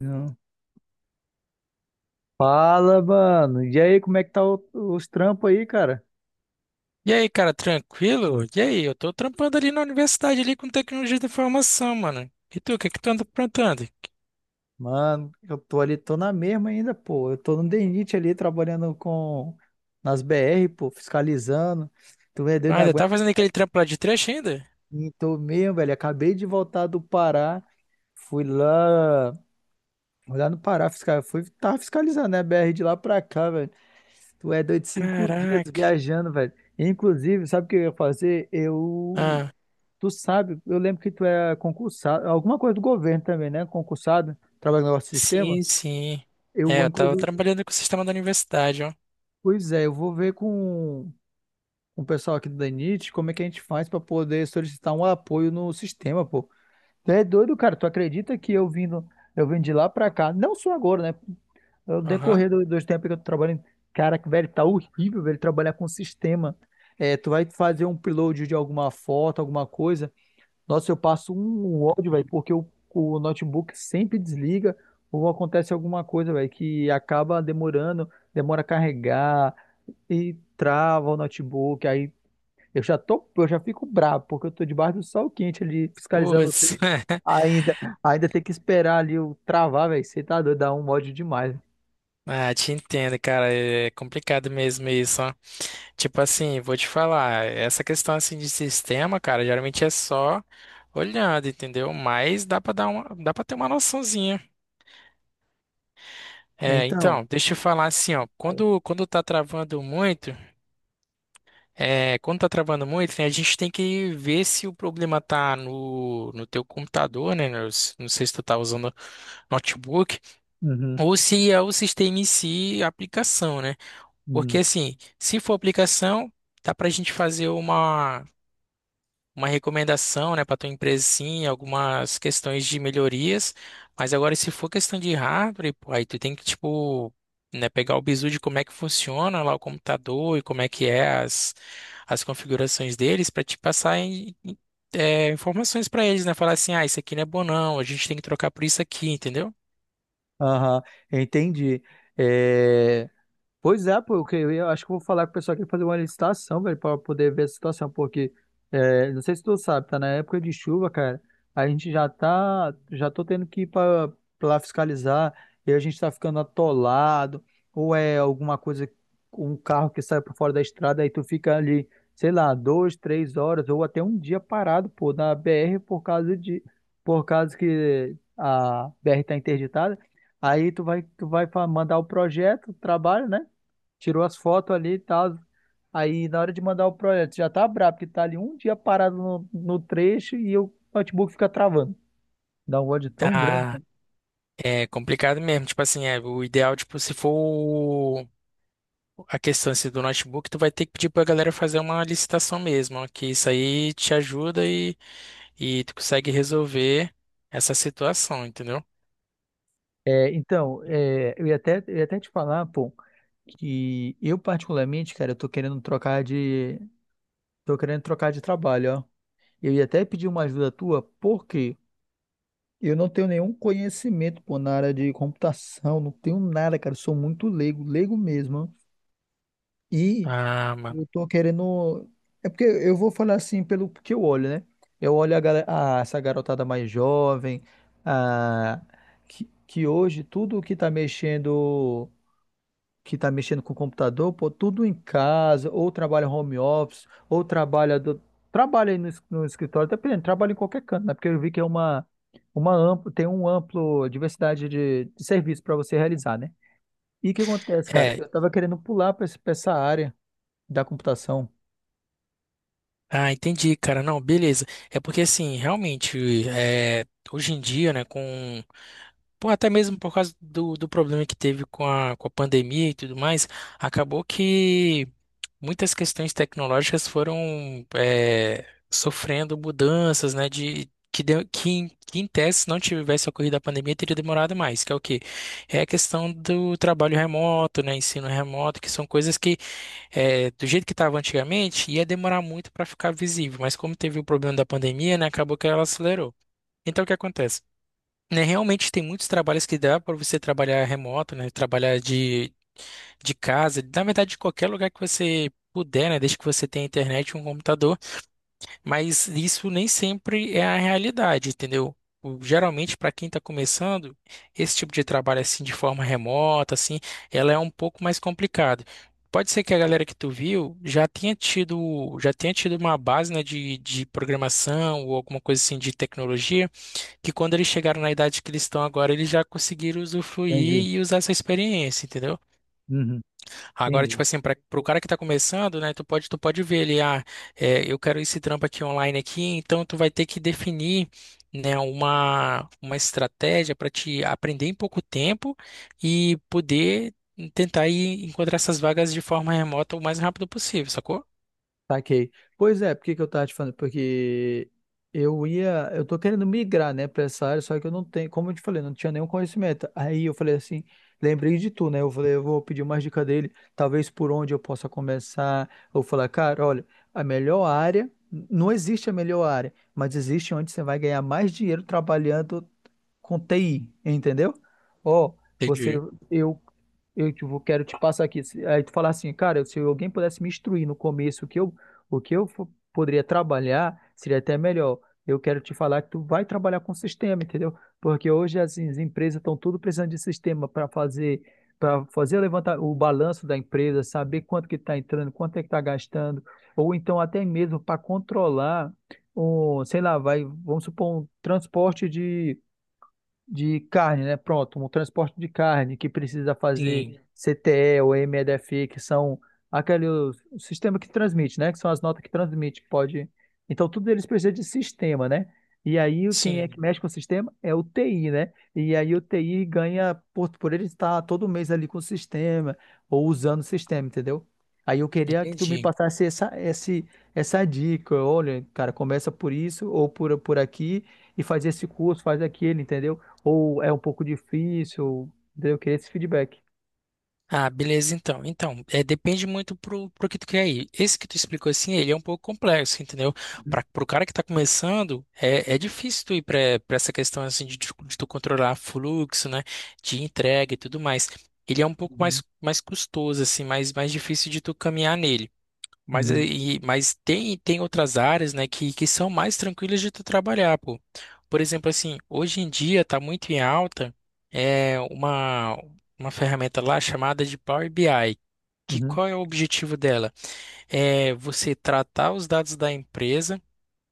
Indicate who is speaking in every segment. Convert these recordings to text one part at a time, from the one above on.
Speaker 1: Não. Fala, mano. E aí, como é que tá os trampos aí, cara?
Speaker 2: E aí, cara, tranquilo? E aí, eu tô trampando ali na universidade ali com tecnologia da informação, mano. E tu, o que que tu anda aprontando?
Speaker 1: Mano, eu tô ali, tô na mesma ainda, pô. Eu tô no DENIT ali, trabalhando com... nas BR, pô, fiscalizando. Tu é doido,
Speaker 2: Ah,
Speaker 1: não
Speaker 2: ainda
Speaker 1: aguenta.
Speaker 2: tá fazendo aquele trampo lá de trecho ainda?
Speaker 1: E tô mesmo, velho. Acabei de voltar do Pará. Fui lá... Fui lá no Pará, Fui... Tava fiscalizando, né? BR de lá pra cá, velho. Tu é doido, cinco dias
Speaker 2: Caraca.
Speaker 1: viajando, velho. Inclusive, sabe o que eu ia fazer? Eu...
Speaker 2: Ah,
Speaker 1: Tu sabe, eu lembro que tu é concursado, alguma coisa do governo também, né? Concursado, trabalha no nosso sistema.
Speaker 2: sim, sim. É,
Speaker 1: Eu,
Speaker 2: eu tava
Speaker 1: inclusive,
Speaker 2: trabalhando com o sistema da universidade, ó.
Speaker 1: pois é, eu vou ver com o pessoal aqui do DENIT como é que a gente faz para poder solicitar um apoio no sistema, pô. Tu é doido, cara. Tu acredita que eu vindo, eu vim de lá para cá, não só agora, né? No
Speaker 2: Aham.
Speaker 1: decorrer dos tempos que eu tô trabalhando, cara, que velho, tá horrível, velho, trabalhar com sistema. É, tu vai fazer um upload de alguma foto, alguma coisa. Nossa, eu passo um ódio, velho, porque o notebook sempre desliga ou acontece alguma coisa, velho, que acaba demorando, demora a carregar e trava o notebook. Aí eu já fico bravo, porque eu tô debaixo do sol quente ali, fiscalizando o
Speaker 2: Putz.
Speaker 1: trecho. Ainda, ainda tem que esperar ali o travar, velho. Você tá doido, dá um ódio demais.
Speaker 2: Ah, te entendo, cara. É complicado mesmo isso, ó. Tipo assim, vou te falar, essa questão assim de sistema, cara, geralmente é só olhando, entendeu? Mas dá pra dar uma, dá para ter uma noçãozinha. É,
Speaker 1: Então,
Speaker 2: então, deixa eu falar assim, ó, quando tá travando muito, quando tá travando muito, né, a gente tem que ver se o problema tá no teu computador, né, não sei se tu tá usando notebook,
Speaker 1: uhum,
Speaker 2: ou se é o sistema em si, a aplicação, né, porque
Speaker 1: uhum,
Speaker 2: assim, se for aplicação, dá pra gente fazer uma recomendação, né, para tua empresa, sim, algumas questões de melhorias. Mas agora, se for questão de hardware, pô, aí tu tem que, tipo, né, pegar o bizu de como é que funciona lá o computador e como é que é as configurações deles para te passar informações para eles, né? Falar assim, ah, isso aqui não é bom não, a gente tem que trocar por isso aqui, entendeu?
Speaker 1: aham, entendi. É, pois é, pô, eu acho que eu vou falar com o pessoal aqui fazer uma licitação, velho, para poder ver a situação, porque é, não sei se tu sabe, tá na época de chuva, cara. A gente já tá, já tô tendo que ir para lá fiscalizar e a gente tá ficando atolado, ou é alguma coisa, um carro que sai por fora da estrada, aí tu fica ali, sei lá, duas, três horas ou até um dia parado, pô, na BR por causa de, por causa que a BR tá interditada. Aí tu vai, mandar o projeto, o trabalho, né? Tirou as fotos ali e tal. Aí na hora de mandar o projeto, já tá brabo, porque tá ali um dia parado no trecho e o notebook fica travando. Dá um ódio tão grande,
Speaker 2: Tá.
Speaker 1: cara.
Speaker 2: É complicado mesmo, tipo assim, é, o ideal, tipo, se for o- a questão assim, do notebook, tu vai ter que pedir pra galera fazer uma licitação mesmo, ó, que isso aí te ajuda e tu consegue resolver essa situação, entendeu?
Speaker 1: É, então, é, eu ia até te falar, pô, que eu particularmente, cara, eu tô querendo trocar de, tô querendo trocar de trabalho, ó. Eu ia até pedir uma ajuda tua, porque eu não tenho nenhum conhecimento, pô, na área de computação, não tenho nada, cara, eu sou muito leigo, leigo mesmo, ó. E
Speaker 2: Ah, mano.
Speaker 1: eu tô querendo. É porque eu vou falar assim pelo que eu olho, né? Eu olho a, essa garotada mais jovem, a... que hoje tudo que tá mexendo com o computador, pô, tudo em casa, ou trabalha home office, ou trabalha do... trabalha aí no escritório, dependendo, trabalha em qualquer canto, né? Porque eu vi que é uma, tem um amplo diversidade de serviço para você realizar, né? E o que acontece, cara?
Speaker 2: É,
Speaker 1: Eu tava querendo pular para essa área da computação.
Speaker 2: ah, entendi, cara. Não, beleza. É porque assim, realmente, é, hoje em dia, né, com. Pô, até mesmo por causa do problema que teve com com a pandemia e tudo mais, acabou que. Muitas questões tecnológicas foram sofrendo mudanças, né, de que, deu- que em tese, se não tivesse ocorrido a pandemia, teria demorado mais, que é o quê? É a questão do trabalho remoto, né, ensino remoto, que são coisas que, do jeito que estava antigamente, ia demorar muito para ficar visível, mas como teve o problema da pandemia, né, acabou que ela acelerou. Então, o que acontece? Né, realmente tem muitos trabalhos que dá para você trabalhar remoto, né, trabalhar de casa, na verdade, de qualquer lugar que você puder, né? Desde que você tenha internet e um computador, mas isso nem sempre é a realidade, entendeu? Geralmente, para quem está começando, esse tipo de trabalho assim de forma remota, assim, ela é um pouco mais complicado. Pode ser que a galera que tu viu já tenha tido uma base, né, de programação ou alguma coisa assim de tecnologia, que quando eles chegaram na idade que eles estão agora, eles já conseguiram
Speaker 1: Entendi.
Speaker 2: usufruir e usar essa experiência, entendeu?
Speaker 1: Uhum,
Speaker 2: Agora,
Speaker 1: entendi.
Speaker 2: tipo assim, para o cara que tá começando, né, tu pode ver ele, ah, é, eu quero esse trampo aqui online aqui, então tu vai ter que definir, né, uma estratégia para te aprender em pouco tempo e poder tentar ir encontrar essas vagas de forma remota o mais rápido possível, sacou?
Speaker 1: Saquei. Pois é, por que que eu tava te falando? Porque eu tô querendo migrar, né, pra essa área, só que eu não tenho, como eu te falei, não tinha nenhum conhecimento. Aí eu falei assim, lembrei de tu, né? Eu falei, eu vou pedir uma dica dele, talvez por onde eu possa começar. Eu falar, cara, olha, a melhor área, não existe a melhor área, mas existe onde você vai ganhar mais dinheiro trabalhando com TI, entendeu? Ó, você,
Speaker 2: Entendi.
Speaker 1: eu, quero te passar aqui. Se- aí tu falar assim, cara, se alguém pudesse me instruir no começo o que eu, poderia trabalhar, seria até melhor. Eu quero te falar que tu vai trabalhar com sistema, entendeu? Porque hoje as empresas estão tudo precisando de sistema para fazer levantar o balanço da empresa, saber quanto que está entrando, quanto é que está gastando, ou então até mesmo para controlar um, sei lá, vai, vamos supor, um transporte de carne, né? Pronto, um transporte de carne que precisa
Speaker 2: Sim,
Speaker 1: fazer CTE ou MEDFI, que são aquele o sistema que transmite, né? Que são as notas que transmite, que pode. Então, tudo eles precisa de sistema, né? E aí, quem é que
Speaker 2: sim,
Speaker 1: mexe com o sistema é o TI, né? E aí, o TI ganha por ele estar todo mês ali com o sistema ou usando o sistema, entendeu? Aí eu queria que tu me
Speaker 2: entendi.
Speaker 1: passasse essa dica. Olha, cara, começa por isso ou por aqui e faz esse curso, faz aquele, entendeu? Ou é um pouco difícil? Daí eu queria esse feedback.
Speaker 2: Ah, beleza, então. Então, é, depende muito pro que tu quer ir. Esse que tu explicou assim, ele é um pouco complexo, entendeu? Para Pro cara que tá começando, é difícil tu ir para essa questão assim de tu controlar fluxo, né? De entrega e tudo mais. Ele é um pouco
Speaker 1: Uhum,
Speaker 2: mais, mais custoso, assim, mais, mais difícil de tu caminhar nele. Mas,
Speaker 1: uhum,
Speaker 2: mas tem, tem outras áreas, né, que são mais tranquilas de tu trabalhar, pô. Por exemplo, assim, hoje em dia tá muito em alta é uma ferramenta lá chamada de Power BI. Que
Speaker 1: uhum,
Speaker 2: qual é o objetivo dela? É você tratar os dados da empresa,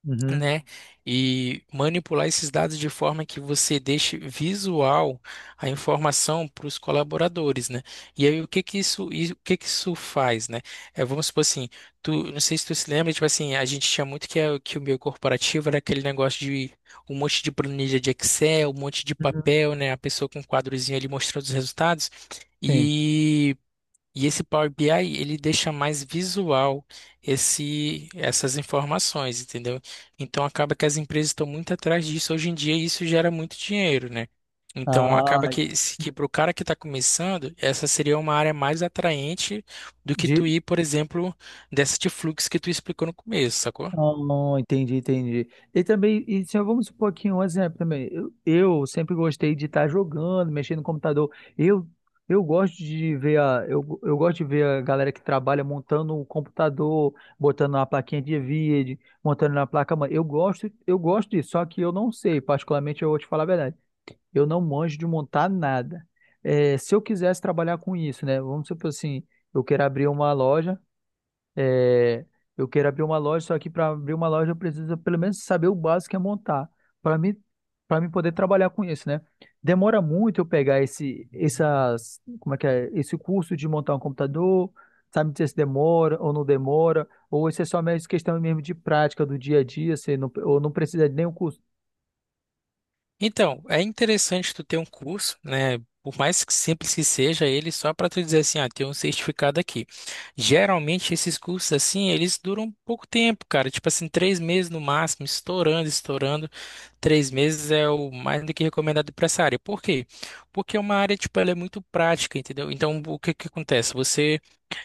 Speaker 1: uhum,
Speaker 2: né? E manipular esses dados de forma que você deixe visual a informação para os colaboradores, né? E aí o que que isso faz, né? É, vamos supor assim, tu, não sei se tu se lembra, tipo assim, a gente tinha muito que, que o meio corporativo era aquele negócio de um monte de planilha de Excel, um monte de
Speaker 1: uhum,
Speaker 2: papel, né? A pessoa com um quadrozinho ali mostrando os resultados.
Speaker 1: sim.
Speaker 2: E esse Power BI, ele deixa mais visual essas informações, entendeu? Então acaba que as empresas estão muito atrás disso, hoje em dia isso gera muito dinheiro, né? Então
Speaker 1: Ah,
Speaker 2: acaba que, que para o cara que está começando, essa seria uma área mais atraente do que
Speaker 1: de...
Speaker 2: tu ir, por exemplo, dessa de fluxo que tu explicou no começo, sacou?
Speaker 1: ah, entendi, entendi. E também, e se eu- vamos supor aqui um exemplo também. Eu sempre gostei de estar jogando, mexendo no computador. Eu, eu gosto de ver a, eu gosto de ver a galera que trabalha montando o computador, botando na plaquinha de vídeo, montando na placa mãe. Eu gosto disso, só que eu não sei, particularmente eu vou te falar a verdade. Eu não manjo de montar nada. É, se eu quisesse trabalhar com isso, né? Vamos supor assim, eu quero abrir uma loja, é, eu quero abrir uma loja, só que para abrir uma loja eu preciso pelo menos saber o básico que é montar, para mim, para mim poder trabalhar com isso, né? Demora muito eu pegar como é que é, esse curso de montar um computador, sabe dizer se demora ou não demora, ou isso é só mais questão mesmo de prática do dia a dia, você não, ou não precisa de nenhum curso.
Speaker 2: Então, é interessante tu ter um curso, né? Por mais que simples que seja ele, só para tu dizer assim, ah, tem um certificado aqui. Geralmente esses cursos assim, eles duram pouco tempo, cara. Tipo assim, 3 meses no máximo, estourando, estourando. 3 meses é o mais do que recomendado para essa área. Por quê? Porque é uma área, tipo, ela é muito prática, entendeu? Então, o que que acontece? Você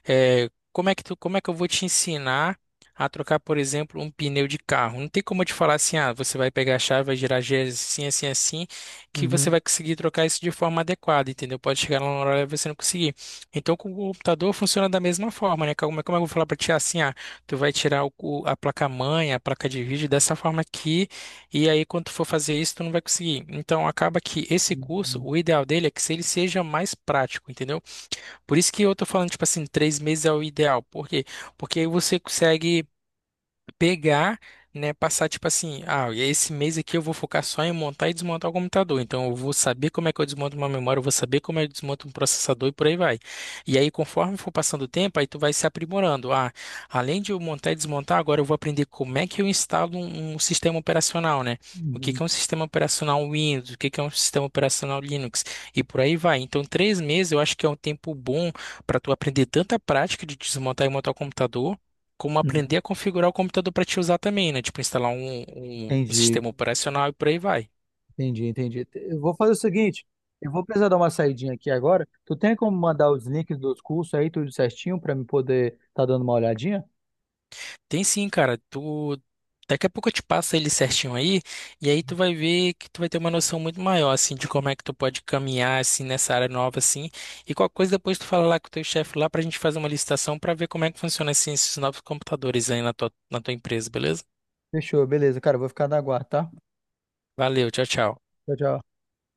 Speaker 2: é, como é que eu vou te ensinar a trocar, por exemplo, um pneu de carro? Não tem como eu te falar assim, ah, você vai pegar a chave, vai girar a gears assim, assim, assim, que você
Speaker 1: Uhum,
Speaker 2: vai conseguir trocar isso de forma adequada, entendeu? Pode chegar lá na hora e você não conseguir. Então, com o computador funciona da mesma forma, né? Como é que eu vou falar pra ti? Ah, assim, ah, tu vai tirar a placa-mãe, a placa de vídeo dessa forma aqui, e aí quando tu for fazer isso, tu não vai conseguir. Então, acaba que esse curso,
Speaker 1: uhum,
Speaker 2: o ideal dele é que se ele seja mais prático, entendeu? Por isso que eu tô falando, tipo assim, três meses é o ideal. Por quê? Porque aí você consegue pegar, né, passar tipo assim, ah, e esse mês aqui eu vou focar só em montar e desmontar o computador. Então eu vou saber como é que eu desmonto uma memória, eu vou saber como é que eu desmonto um processador e por aí vai. E aí conforme for passando o tempo, aí tu vai se aprimorando. Ah, além de eu montar e desmontar, agora eu vou aprender como é que eu instalo um sistema operacional, né? O que
Speaker 1: uhum,
Speaker 2: que é um sistema operacional Windows, o que que é um sistema operacional Linux e por aí vai. Então 3 meses eu acho que é um tempo bom para tu aprender tanta prática de desmontar e montar o computador como
Speaker 1: uhum.
Speaker 2: aprender a configurar o computador para te usar também, né? Tipo, instalar um
Speaker 1: Entendi,
Speaker 2: sistema operacional e por aí vai.
Speaker 1: entendi, entendi. Eu vou fazer o seguinte, eu vou precisar dar uma saidinha aqui agora. Tu tem como mandar os links dos cursos aí, tudo certinho, pra me poder tá dando uma olhadinha?
Speaker 2: Tem sim, cara. Tu daqui a pouco eu te passo ele certinho aí, e aí tu vai ver que tu vai ter uma noção muito maior assim de como é que tu pode caminhar assim nessa área nova assim. E qualquer coisa depois tu fala lá com o teu chefe lá pra gente fazer uma licitação pra ver como é que funciona assim, esses novos computadores aí na na tua empresa, beleza?
Speaker 1: Fechou, beleza, cara, eu vou ficar na guarda, tá?
Speaker 2: Valeu, tchau, tchau.
Speaker 1: Tchau, tchau.